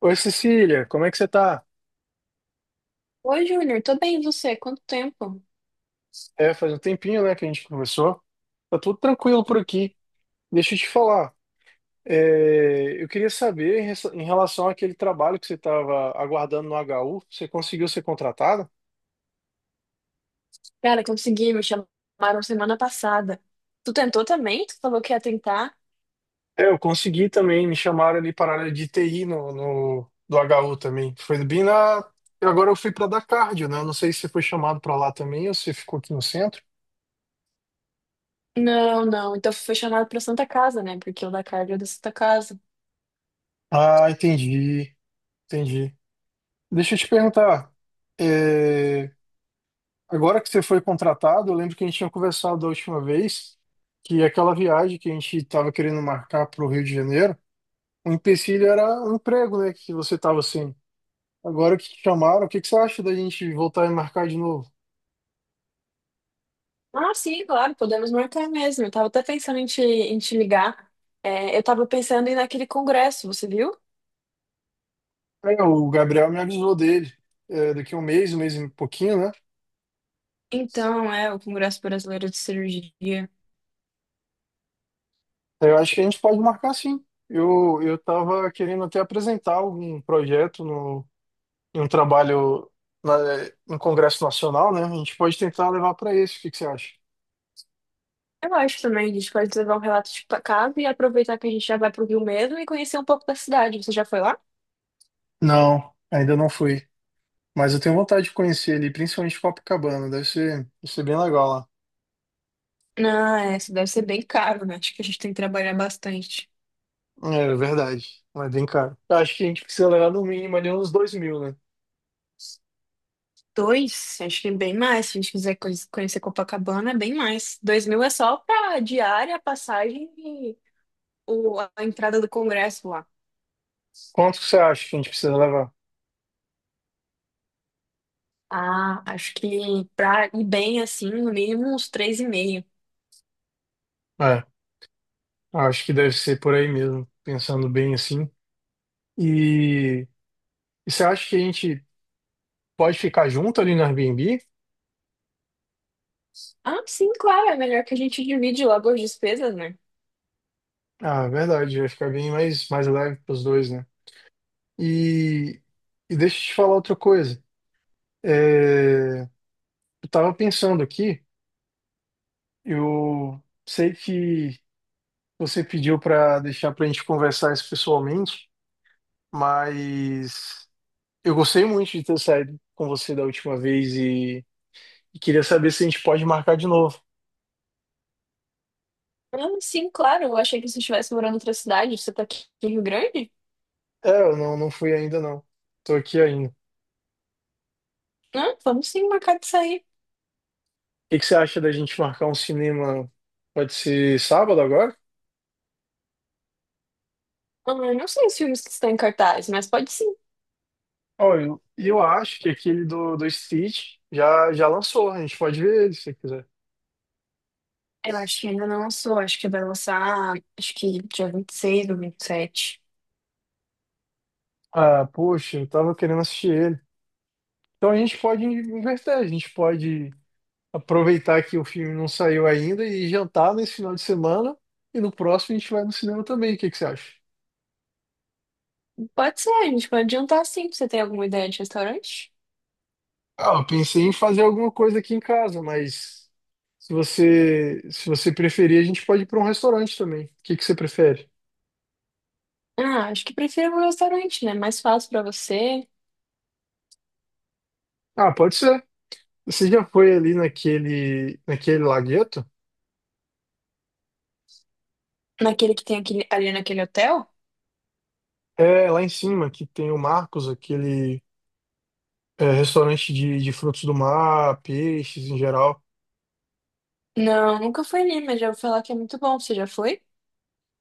Oi, Cecília, como é que você tá? Oi, Júnior, tô bem, e você? Quanto tempo? É, faz um tempinho, né, que a gente conversou. Tá tudo tranquilo por aqui. Deixa eu te falar. Eu queria saber em relação àquele trabalho que você estava aguardando no HU, você conseguiu ser contratada? Cara, consegui, me chamaram semana passada. Tu tentou também? Tu falou que ia tentar? É, eu consegui também, me chamaram ali para a área de TI do HU também. Foi bem na. Eu Agora eu fui para dar cardio, né? Eu não sei se você foi chamado para lá também ou se ficou aqui no centro. Não, não, então foi chamado pra Santa Casa, né? Porque o da Carga é da Santa Casa. Ah, entendi, entendi. Deixa eu te perguntar. é, Agora que você foi contratado, eu lembro que a gente tinha conversado da última vez que aquela viagem que a gente estava querendo marcar para o Rio de Janeiro, o empecilho era o emprego, né? Que você estava assim. Agora que te chamaram, o que que você acha da gente voltar e marcar de novo? Ah, sim, claro, podemos marcar mesmo. Eu tava até pensando em te ligar. É, eu tava pensando em ir naquele congresso, você viu? É, o Gabriel me avisou dele, daqui a um mês e pouquinho, né? Então, é, o Congresso Brasileiro de Cirurgia. É, eu acho que a gente pode marcar sim. Eu estava querendo até apresentar algum projeto no em um trabalho na, no Congresso Nacional, né? A gente pode tentar levar para esse. O que que você acha? Eu acho também, a gente pode levar um relato de casa e aproveitar que a gente já vai pro Rio mesmo e conhecer um pouco da cidade. Você já foi lá? Não, ainda não fui. Mas eu tenho vontade de conhecer ali, principalmente Copacabana. Deve ser bem legal lá. Ah, é, isso deve ser bem caro, né? Acho que a gente tem que trabalhar bastante. É verdade, mas bem caro. Eu acho que a gente precisa levar no mínimo ali uns 2 mil, né? Dois, acho que bem mais. Se a gente quiser conhecer Copacabana, é bem mais. 2000 é só pra diária, passagem e a entrada do Congresso lá. Quanto que você acha que a gente precisa levar? Ah, acho que pra ir bem assim, no mínimo uns três e meio. É, acho que deve ser por aí mesmo, pensando bem assim. E, e você acha que a gente pode ficar junto ali no Airbnb? Ah, sim, claro, é melhor que a gente divide logo as despesas, né? Ah, verdade, vai ficar bem mais leve para os dois, né? E, e deixa eu te falar outra coisa. É, eu tava pensando aqui. Eu sei que você pediu para deixar para a gente conversar isso pessoalmente, mas eu gostei muito de ter saído com você da última vez e queria saber se a gente pode marcar de novo. Ah, sim, claro, eu achei que você estivesse morando em outra cidade. Você tá aqui em Rio Grande? É, eu não fui ainda não. Tô aqui ainda. O Ah, vamos sim marcar de sair. que que você acha da gente marcar um cinema? Pode ser sábado agora? Ah, eu não sei os filmes que estão em cartaz, mas pode sim. Olha, eu acho que aquele do Stitch já lançou. A gente pode ver ele se você quiser. Eu acho que ainda não lançou, acho que vai lançar, acho que dia 26 ou 27. Ah, poxa, eu tava querendo assistir ele. Então a gente pode inverter, a gente pode aproveitar que o filme não saiu ainda e jantar nesse final de semana. E no próximo a gente vai no cinema também. O que que você acha? Pode ser, a gente pode adiantar sim. Você tem alguma ideia de restaurante? Ah, eu pensei em fazer alguma coisa aqui em casa, mas se você preferir, a gente pode ir para um restaurante também. O que que você prefere? Ah, acho que prefiro um restaurante, né? Mais fácil pra você. Ah, pode ser. Você já foi ali naquele lagueto? Naquele que tem aquele, ali naquele hotel? É, lá em cima, que tem o Marcos, aquele é restaurante de frutos do mar, peixes em geral. Não, nunca fui ali, mas já vou falar que é muito bom. Você já foi?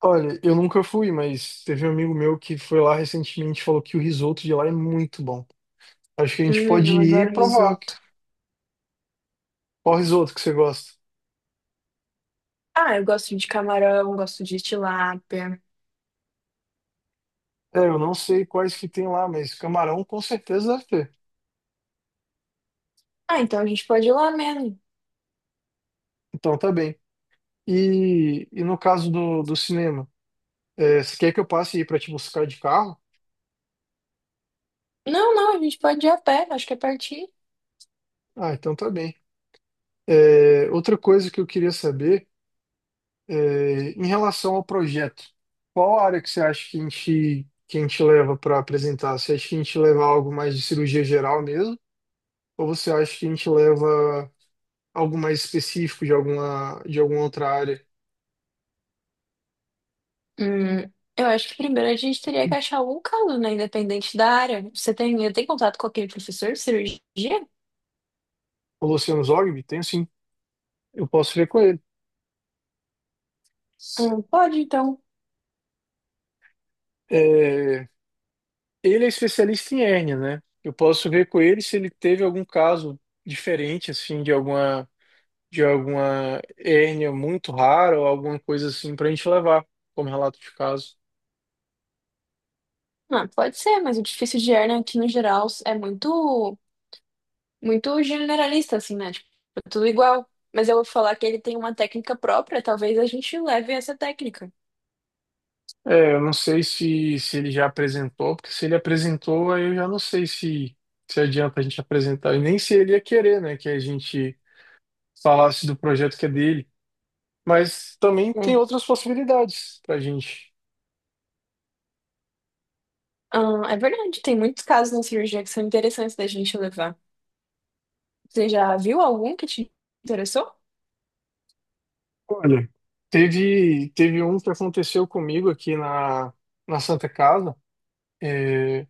Olha, eu nunca fui, mas teve um amigo meu que foi lá recentemente e falou que o risoto de lá é muito bom. Acho que a gente pode Eu ir e adoro provar risoto. qual risoto que você gosta. Ah, eu gosto de camarão, gosto de tilápia. É, eu não sei quais que tem lá, mas camarão com certeza deve ter. Ah, então a gente pode ir lá mesmo. Então tá bem. E no caso do cinema, você quer que eu passe aí pra te buscar de carro? Não, não, a gente pode ir a pé, acho que é pertinho. Ah, então tá bem. É, outra coisa que eu queria saber. É, em relação ao projeto, qual área que você acha que que a gente leva para apresentar? Você acha que a gente leva algo mais de cirurgia geral mesmo? Ou você acha que a gente leva algo mais específico de alguma outra área? Hum, eu acho que primeiro a gente teria que achar algum caso, né? Independente da área. Você tem, tem contato com aquele professor de cirurgia? O Luciano Zogby? Tenho sim, eu posso ver com ele. Pode, então. É, ele é especialista em hérnia, né? Eu posso ver com ele se ele teve algum caso diferente, assim, de alguma hérnia muito rara ou alguma coisa assim para a gente levar como relato de caso. Ah, pode ser, mas o difícil de hernia aqui no geral é muito, muito generalista, assim, né? Tipo, é tudo igual. Mas eu vou falar que ele tem uma técnica própria, talvez a gente leve essa técnica. Eu não sei se ele já apresentou, porque se ele apresentou, aí eu já não sei se adianta a gente apresentar, e nem se ele ia querer, né, que a gente falasse do projeto que é dele. Mas também tem É. outras possibilidades para a gente. Ah, é verdade, tem muitos casos na cirurgia que são interessantes da gente levar. Você já viu algum que te interessou? Olha, teve um que aconteceu comigo aqui na Santa Casa. É,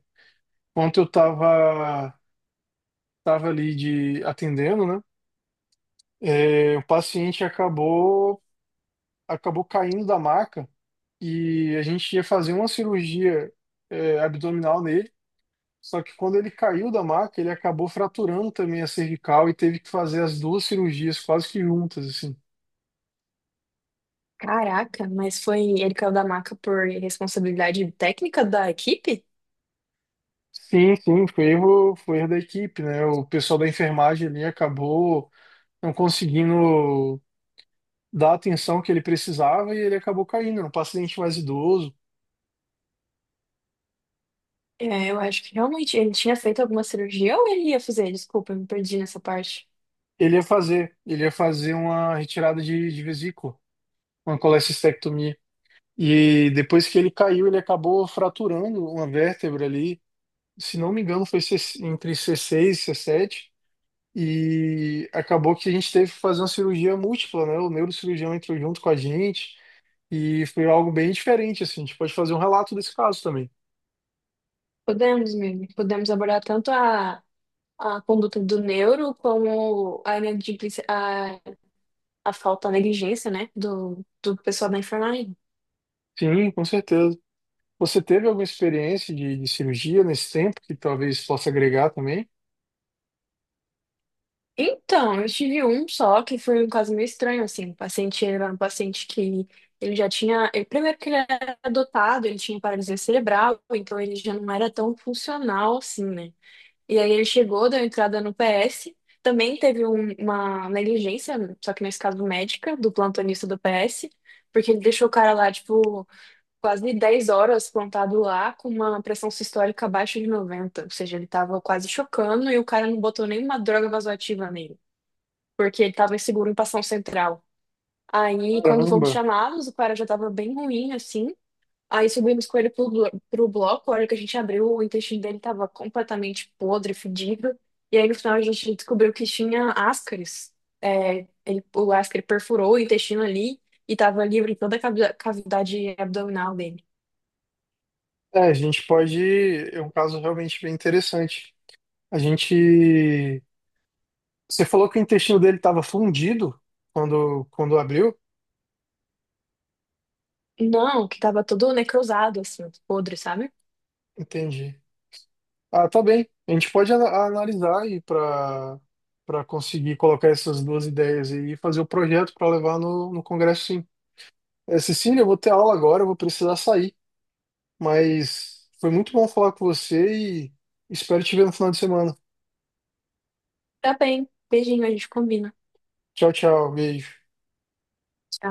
ontem eu estava tava tava ali de atendendo, né? É, o paciente acabou caindo da maca. E a gente ia fazer uma cirurgia abdominal nele. Só que quando ele caiu da maca, ele acabou fraturando também a cervical e teve que fazer as duas cirurgias quase que juntas, assim. Caraca, mas foi ele caiu da maca por responsabilidade técnica da equipe? Sim, sim, foi erro da equipe, né? O pessoal da enfermagem ali acabou não conseguindo dar a atenção que ele precisava e ele acabou caindo. Era um paciente mais idoso. É, eu acho que realmente ele tinha feito alguma cirurgia ou ele ia fazer? Desculpa, eu me perdi nessa parte. Ele ia fazer uma retirada de vesícula, uma colecistectomia. E depois que ele caiu, ele acabou fraturando uma vértebra ali. Se não me engano, foi entre C6 e C7. E acabou que a gente teve que fazer uma cirurgia múltipla, né? O neurocirurgião entrou junto com a gente. E foi algo bem diferente, assim. A gente pode fazer um relato desse caso também. Podemos, mesmo. Podemos abordar tanto a conduta do neuro como glicosilase, a falta, a negligência, né, do pessoal da enfermagem. Sim, com certeza. Você teve alguma experiência de cirurgia nesse tempo que talvez possa agregar também? Então, eu tive um só que foi um caso meio estranho, assim. O paciente era um paciente que ele já tinha. Primeiro que ele era adotado, ele tinha paralisia cerebral, então ele já não era tão funcional assim, né? E aí ele chegou, deu entrada no PS, também teve uma negligência, só que nesse caso médica, do plantonista do PS, porque ele deixou o cara lá, tipo, quase 10 horas plantado lá com uma pressão sistólica abaixo de 90. Ou seja, ele estava quase chocando e o cara não botou nenhuma droga vasoativa nele, porque ele estava inseguro em passão central. Aí, quando fomos Caramba! chamados, o cara já estava bem ruim, assim. Aí subimos com ele pro bloco. A hora que a gente abriu, o intestino dele estava completamente podre, fedido. E aí, no final, a gente descobriu que tinha ascaris. É, ele, o ascaris perfurou o intestino ali e estava livre em toda a cavidade abdominal dele. É, a gente pode. É um caso realmente bem interessante. A gente Você falou que o intestino dele estava fundido quando abriu? Não, que tava todo necrosado, assim, podre, sabe? Entendi. Ah, tá bem. A gente pode analisar aí para conseguir colocar essas duas ideias aí e fazer o projeto para levar no congresso, sim. É, Cecília, eu vou ter aula agora, eu vou precisar sair. Mas foi muito bom falar com você e espero te ver no final de semana. Tá bem. Beijinho, a gente combina. Tchau, tchau. Beijo. Tchau.